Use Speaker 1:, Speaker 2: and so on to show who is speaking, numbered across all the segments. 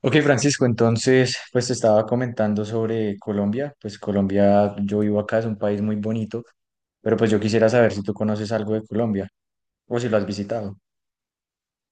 Speaker 1: Ok, Francisco, entonces, pues te estaba comentando sobre Colombia. Pues Colombia, yo vivo acá, es un país muy bonito, pero pues yo quisiera saber si tú conoces algo de Colombia o si lo has visitado.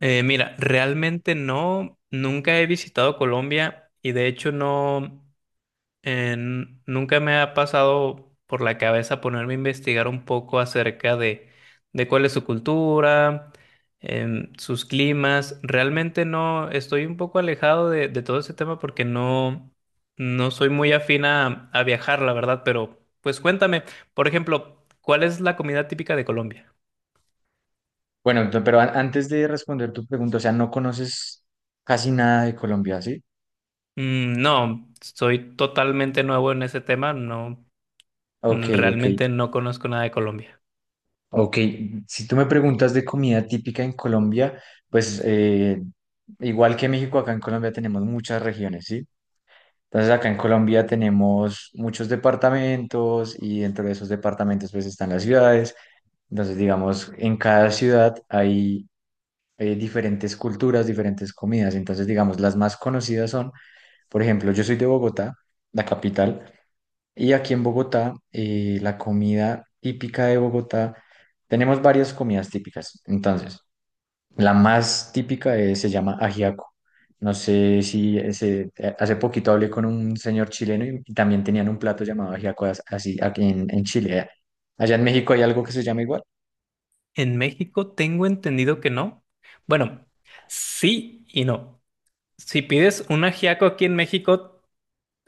Speaker 2: Realmente no, nunca he visitado Colombia y de hecho nunca me ha pasado por la cabeza ponerme a investigar un poco acerca de cuál es su cultura, sus climas. Realmente no, estoy un poco alejado de todo ese tema porque no, no soy muy afín a viajar, la verdad, pero pues cuéntame, por ejemplo, ¿cuál es la comida típica de Colombia?
Speaker 1: Bueno, antes de responder tu pregunta, o sea, no conoces casi nada de Colombia, ¿sí?
Speaker 2: Mm, no, soy totalmente nuevo en ese tema, no,
Speaker 1: Ok,
Speaker 2: mm,
Speaker 1: ok,
Speaker 2: realmente no conozco nada de Colombia.
Speaker 1: ok. Si tú me preguntas de comida típica en Colombia, pues igual que México, acá en Colombia tenemos muchas regiones, ¿sí? Entonces acá en Colombia tenemos muchos departamentos y dentro de esos departamentos pues están las ciudades. Entonces digamos, en cada ciudad hay diferentes culturas, diferentes comidas. Entonces digamos, las más conocidas son, por ejemplo, yo soy de Bogotá, la capital, y aquí en Bogotá la comida típica de Bogotá, tenemos varias comidas típicas. Entonces, la más típica es- se llama ajiaco. No sé si ese- Hace poquito hablé con un señor chileno y también tenían un plato llamado ajiaco así aquí en Chile. ¿Eh? Allá en México hay algo que se llama igual.
Speaker 2: En México tengo entendido que no. Bueno, sí y no. Si pides un ajiaco aquí en México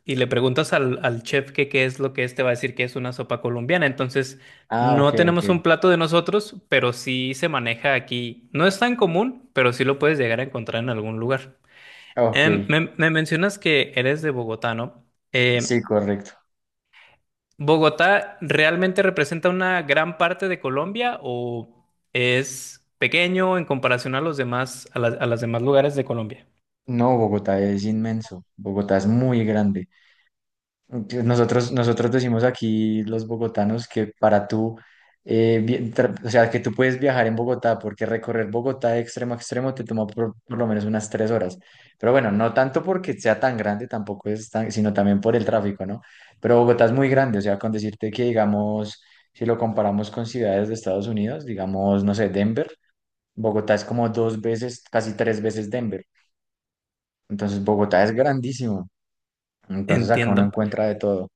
Speaker 2: y le preguntas al chef que qué es lo que es, te va a decir que es una sopa colombiana. Entonces,
Speaker 1: Ah, ok,
Speaker 2: no
Speaker 1: ok.
Speaker 2: tenemos un plato de nosotros, pero sí se maneja aquí. No es tan común, pero sí lo puedes llegar a encontrar en algún lugar.
Speaker 1: Ok,
Speaker 2: Me mencionas que eres de Bogotá, ¿no?
Speaker 1: sí,
Speaker 2: Em,
Speaker 1: correcto.
Speaker 2: ¿Bogotá realmente representa una gran parte de Colombia o es pequeño en comparación a los demás, a los demás lugares de Colombia?
Speaker 1: No, Bogotá es inmenso. Bogotá es muy grande. Nosotros decimos aquí los bogotanos que para tú, o sea, que tú puedes viajar en Bogotá, porque recorrer Bogotá de extremo a extremo te toma por lo menos unas 3 horas. Pero bueno, no tanto porque sea tan grande, tampoco es tan, sino también por el tráfico, ¿no? Pero Bogotá es muy grande, o sea, con decirte que, digamos, si lo comparamos con ciudades de Estados Unidos, digamos, no sé, Denver, Bogotá es como dos veces, casi tres veces Denver. Entonces, Bogotá es grandísimo. Entonces, acá uno
Speaker 2: Entiendo.
Speaker 1: encuentra de todo.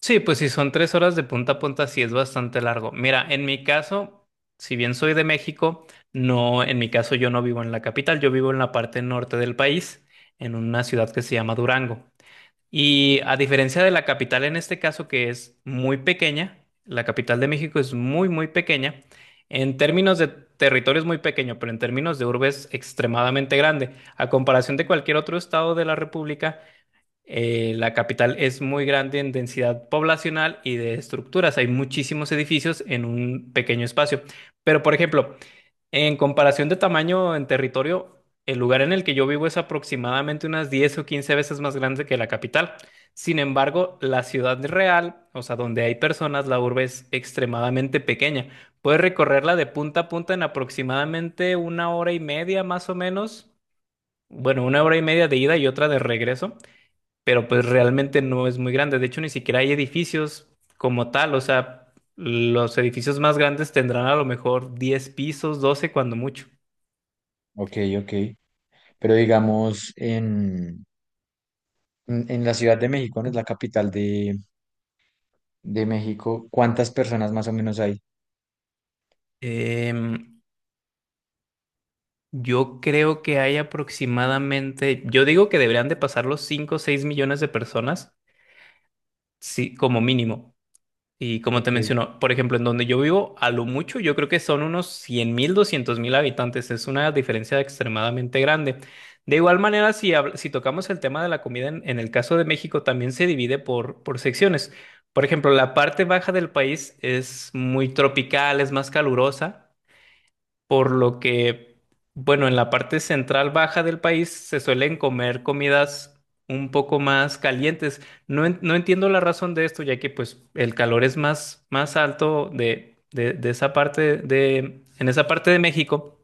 Speaker 2: Sí, pues si son tres horas de punta a punta, sí es bastante largo. Mira, en mi caso, si bien soy de México, no, en mi caso yo no vivo en la capital, yo vivo en la parte norte del país, en una ciudad que se llama Durango. Y a diferencia de la capital en este caso, que es muy pequeña, la capital de México es muy, muy pequeña, en términos de territorio es muy pequeño, pero en términos de urbe es extremadamente grande. A comparación de cualquier otro estado de la República, la capital es muy grande en densidad poblacional y de estructuras. Hay muchísimos edificios en un pequeño espacio. Pero, por ejemplo, en comparación de tamaño en territorio, el lugar en el que yo vivo es aproximadamente unas 10 o 15 veces más grande que la capital. Sin embargo, la ciudad real, o sea, donde hay personas, la urbe es extremadamente pequeña. Puedes recorrerla de punta a punta en aproximadamente una hora y media, más o menos. Bueno, una hora y media de ida y otra de regreso, pero pues realmente no es muy grande. De hecho, ni siquiera hay edificios como tal. O sea, los edificios más grandes tendrán a lo mejor 10 pisos, 12 cuando mucho.
Speaker 1: Ok, ok. Pero digamos, en la Ciudad de México, ¿no? Es la capital de México. ¿Cuántas personas más o menos hay?
Speaker 2: Em, yo creo que hay aproximadamente, yo digo que deberían de pasar los 5, o 6 millones de personas, sí, como mínimo. Y como te
Speaker 1: Ok.
Speaker 2: menciono, por ejemplo, en donde yo vivo, a lo mucho, yo creo que son unos 100.000, 200.000 habitantes. Es una diferencia extremadamente grande. De igual manera, si tocamos el tema de la comida, en el caso de México, también se divide por secciones. Por ejemplo, la parte baja del país es muy tropical, es más calurosa. Por lo que, bueno, en la parte central baja del país se suelen comer comidas un poco más calientes. No, no entiendo la razón de esto, ya que pues el calor es más, más alto de esa parte en esa parte de México,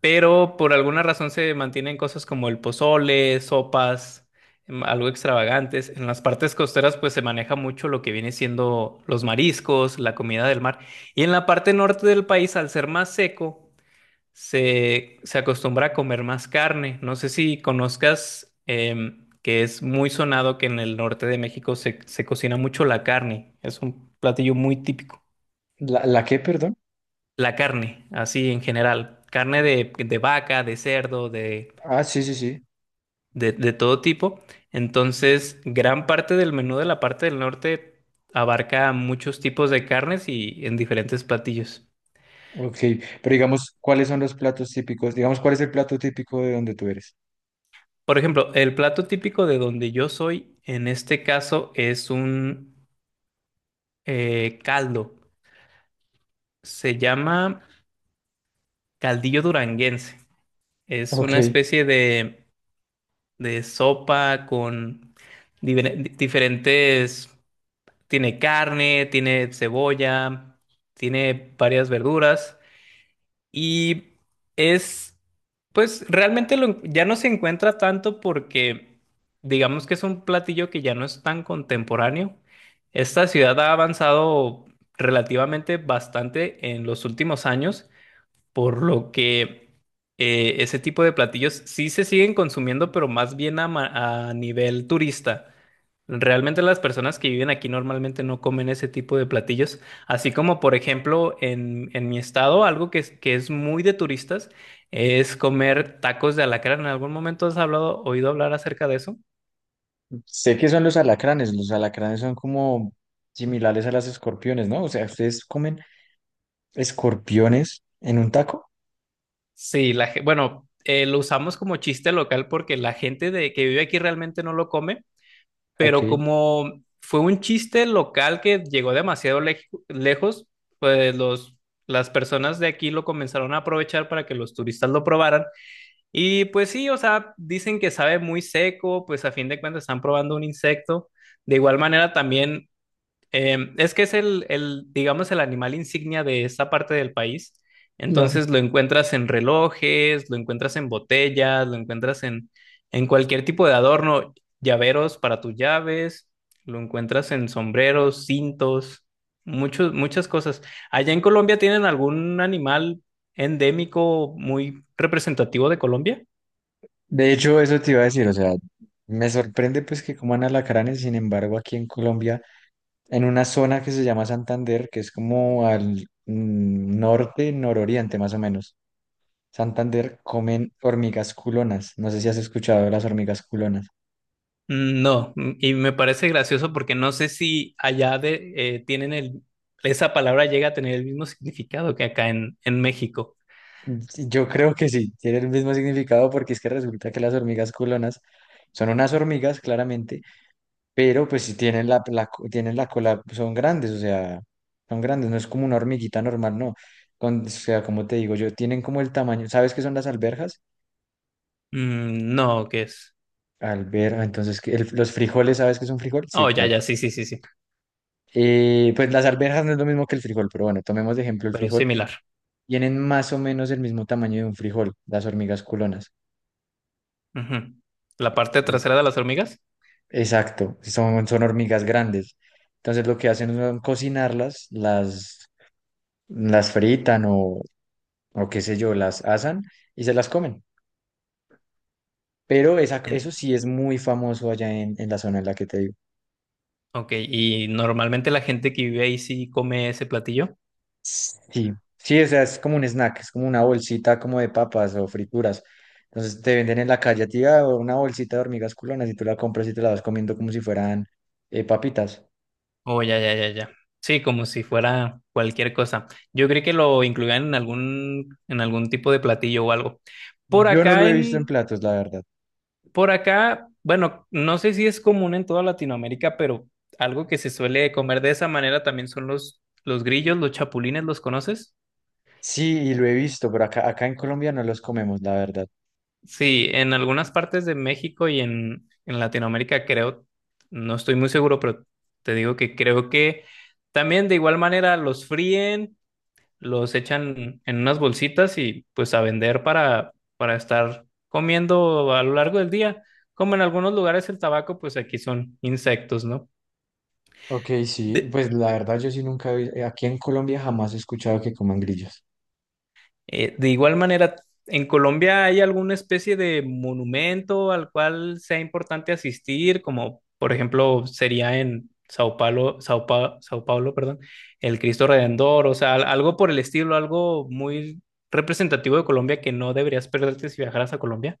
Speaker 2: pero por alguna razón se mantienen cosas como el pozole, sopas, algo extravagantes. En las partes costeras pues se maneja mucho lo que viene siendo los mariscos, la comida del mar. Y en la parte norte del país, al ser más seco, se acostumbra a comer más carne. No sé si conozcas que es muy sonado que en el norte de México se cocina mucho la carne. Es un platillo muy típico.
Speaker 1: ¿La, la qué, perdón?
Speaker 2: La carne, así en general. Carne de vaca, de cerdo,
Speaker 1: Ah, sí, sí, sí.
Speaker 2: de todo tipo. Entonces, gran parte del menú de la parte del norte abarca muchos tipos de carnes y en diferentes platillos.
Speaker 1: Ok. Pero digamos, ¿cuáles son los platos típicos? Digamos, ¿cuál es el plato típico de donde tú eres?
Speaker 2: Por ejemplo, el plato típico de donde yo soy, en este caso, es un caldo. Se llama caldillo duranguense. Es
Speaker 1: Ok.
Speaker 2: una especie de sopa con diferentes. Tiene carne, tiene cebolla, tiene varias verduras y es, pues realmente lo ya no se encuentra tanto porque digamos que es un platillo que ya no es tan contemporáneo. Esta ciudad ha avanzado relativamente bastante en los últimos años. Por lo que ese tipo de platillos sí se siguen consumiendo, pero más bien a nivel turista. Realmente las personas que viven aquí normalmente no comen ese tipo de platillos. Así como, por ejemplo, en mi estado, algo que que es muy de turistas es comer tacos de alacrán. ¿En algún momento has hablado, oído hablar acerca de eso?
Speaker 1: Sé que son los alacranes. Los alacranes son como similares a las escorpiones, ¿no? O sea, ¿ustedes comen escorpiones en un taco?
Speaker 2: Sí, bueno, lo usamos como chiste local porque la gente que vive aquí realmente no lo come, pero
Speaker 1: Ok.
Speaker 2: como fue un chiste local que llegó demasiado lejos, pues las personas de aquí lo comenzaron a aprovechar para que los turistas lo probaran. Y pues sí, o sea, dicen que sabe muy seco, pues a fin de cuentas están probando un insecto. De igual manera también es que es digamos, el animal insignia de esta parte del país. Entonces lo encuentras en relojes, lo encuentras en botellas, lo encuentras en cualquier tipo de adorno, llaveros para tus llaves, lo encuentras en sombreros, cintos, muchas cosas. ¿Allá en Colombia tienen algún animal endémico muy representativo de Colombia?
Speaker 1: De hecho, eso te iba a decir, o sea, me sorprende pues que coman alacranes, sin embargo, aquí en Colombia, en una zona que se llama Santander, que es como al norte, nororiente más o menos, Santander comen hormigas culonas. No sé si has escuchado de las hormigas culonas.
Speaker 2: Mm, no, mm, y me parece gracioso porque no sé si allá tienen esa palabra llega a tener el mismo significado que acá en México.
Speaker 1: Yo creo que sí, tiene el mismo significado porque es que resulta que las hormigas culonas son unas hormigas, claramente, pero pues si tienen tienen la cola, son grandes, o sea, son grandes, no es como una hormiguita normal, no. O sea, como te digo yo, tienen como el tamaño, ¿sabes qué son las alberjas?
Speaker 2: Mm, no, ¿qué es?
Speaker 1: Alberja, entonces, ¿los frijoles, ¿sabes qué es un frijol? Sí,
Speaker 2: Oh, ya,
Speaker 1: claro.
Speaker 2: ya, sí, sí, sí, sí,
Speaker 1: Pues las alberjas no es lo mismo que el frijol, pero bueno, tomemos de ejemplo el
Speaker 2: pero es
Speaker 1: frijol.
Speaker 2: similar.
Speaker 1: Tienen más o menos el mismo tamaño de un frijol, las hormigas culonas.
Speaker 2: Ujú. La parte
Speaker 1: Entonces,
Speaker 2: trasera de las hormigas.
Speaker 1: exacto, son hormigas grandes. Entonces, lo que hacen es cocinarlas, las fritan o qué sé yo, las asan y se las comen. Pero esa, eso
Speaker 2: En-
Speaker 1: sí es muy famoso allá en la zona en la que te digo.
Speaker 2: ok, y normalmente la gente que vive ahí sí come ese platillo.
Speaker 1: Sí, sí, o sea, es como un snack, es como una bolsita como de papas o frituras. Entonces te venden en la calle a ti una bolsita de hormigas culonas y tú la compras y te la vas comiendo como si fueran papitas.
Speaker 2: Oh, ya, ya, ya, ya. Sí, como si fuera cualquier cosa. Yo creí que lo incluían en algún tipo de platillo o algo. Por
Speaker 1: Yo no lo
Speaker 2: acá
Speaker 1: he visto en
Speaker 2: en,
Speaker 1: platos, la verdad.
Speaker 2: Por acá, bueno, no sé si es común en toda Latinoamérica, pero algo que se suele comer de esa manera también son los grillos, los chapulines, ¿los conoces?
Speaker 1: Sí, y lo he visto, pero acá en Colombia no los comemos, la verdad.
Speaker 2: Sí, en algunas partes de México y en Latinoamérica creo, no estoy muy seguro, pero te digo que creo que también de igual manera los fríen, los echan en unas bolsitas y pues a vender para estar comiendo a lo largo del día. Como en algunos lugares el tabaco, pues aquí son insectos, ¿no?
Speaker 1: Ok, sí,
Speaker 2: De,
Speaker 1: pues la verdad yo sí nunca he vi- aquí en Colombia jamás he escuchado que coman grillos.
Speaker 2: de igual manera, ¿en Colombia hay alguna especie de monumento al cual sea importante asistir? Como por ejemplo sería en Sao Paulo, Sao Paulo, perdón, el Cristo Redentor, o sea, algo por el estilo, algo muy representativo de Colombia que no deberías perderte si viajaras a Colombia.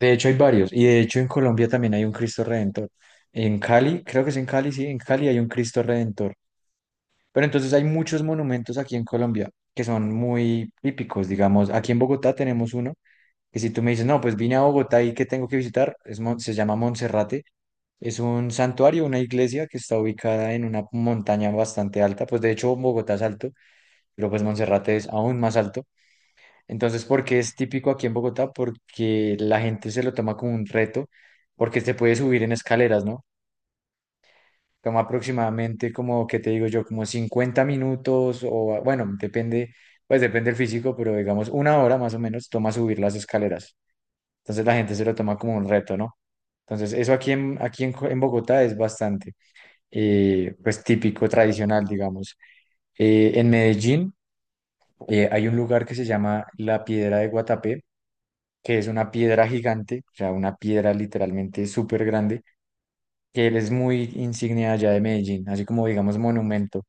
Speaker 1: De hecho, hay varios. Y de hecho, en Colombia también hay un Cristo Redentor. En Cali, creo que es en Cali, sí, en Cali hay un Cristo Redentor. Pero entonces hay muchos monumentos aquí en Colombia que son muy típicos, digamos. Aquí en Bogotá tenemos uno que si tú me dices, no, pues vine a Bogotá y ¿qué tengo que visitar? Se llama Monserrate. Es un santuario, una iglesia que está ubicada en una montaña bastante alta. Pues de hecho, Bogotá es alto, pero pues Monserrate es aún más alto. Entonces, ¿por qué es típico aquí en Bogotá? Porque la gente se lo toma como un reto, porque se puede subir en escaleras, ¿no? Toma aproximadamente como, ¿qué te digo yo? Como 50 minutos o, bueno, depende, pues depende del físico, pero digamos una hora más o menos toma subir las escaleras. Entonces la gente se lo toma como un reto, ¿no? Entonces, eso en Bogotá es bastante, pues típico, tradicional, digamos. En Medellín hay un lugar que se llama La Piedra de Guatapé que es una piedra gigante, o sea, una piedra literalmente súper grande, que él es muy insignia allá de Medellín, así como digamos monumento.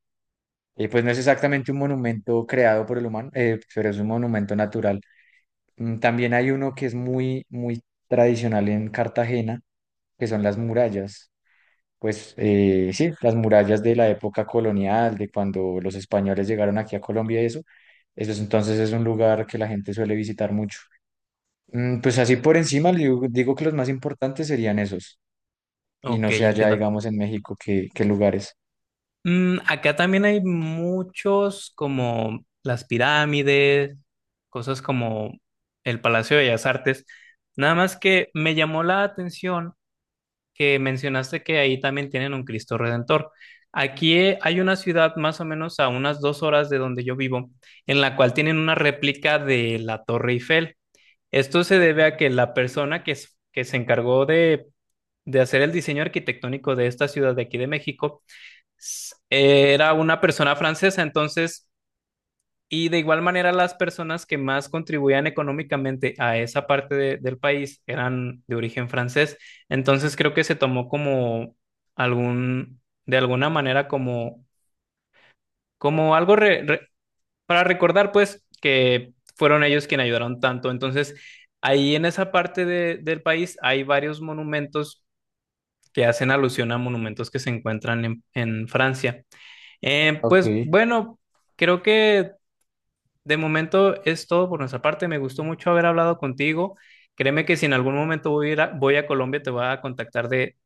Speaker 1: Y pues no es exactamente un monumento creado por el humano, pero es un monumento natural. Mm, también hay uno que es muy tradicional en Cartagena, que son las murallas. Pues sí, las murallas de la época colonial, de cuando los españoles llegaron aquí a Colombia y eso. Eso es, entonces es un lugar que la gente suele visitar mucho. Mm, pues así por encima, le digo que los más importantes serían esos. Y no
Speaker 2: Ok,
Speaker 1: sé allá,
Speaker 2: entiendo.
Speaker 1: digamos, en México, qué, qué lugares.
Speaker 2: Mm, acá también hay muchos como las pirámides, cosas como el Palacio de Bellas Artes. Nada más que me llamó la atención que mencionaste que ahí también tienen un Cristo Redentor. Aquí hay una ciudad más o menos a unas dos horas de donde yo vivo, en la cual tienen una réplica de la Torre Eiffel. Esto se debe a que la persona que se encargó de hacer el diseño arquitectónico de esta ciudad de aquí de México, era una persona francesa, entonces, y de igual manera las personas que más contribuían económicamente a esa parte del país eran de origen francés, entonces creo que se tomó como algún, de alguna manera como, como algo para recordar, pues, que fueron ellos quienes ayudaron tanto, entonces, ahí en esa parte del país hay varios monumentos que hacen alusión a monumentos que se encuentran en Francia.
Speaker 1: Ok.
Speaker 2: Pues bueno, creo que de momento es todo por nuestra parte. Me gustó mucho haber hablado contigo. Créeme que si en algún momento voy a Colombia, te voy a contactar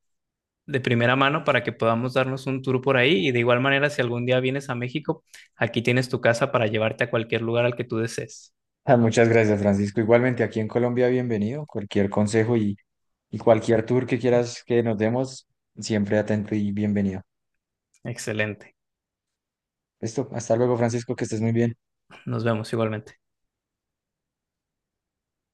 Speaker 2: de primera mano para que podamos darnos un tour por ahí. Y de igual manera, si algún día vienes a México, aquí tienes tu casa para llevarte a cualquier lugar al que tú desees.
Speaker 1: Ah, muchas gracias, Francisco. Igualmente, aquí en Colombia, bienvenido. Cualquier consejo y cualquier tour que quieras que nos demos, siempre atento y bienvenido.
Speaker 2: Excelente.
Speaker 1: Listo, hasta luego, Francisco, que estés muy bien.
Speaker 2: Nos vemos igualmente.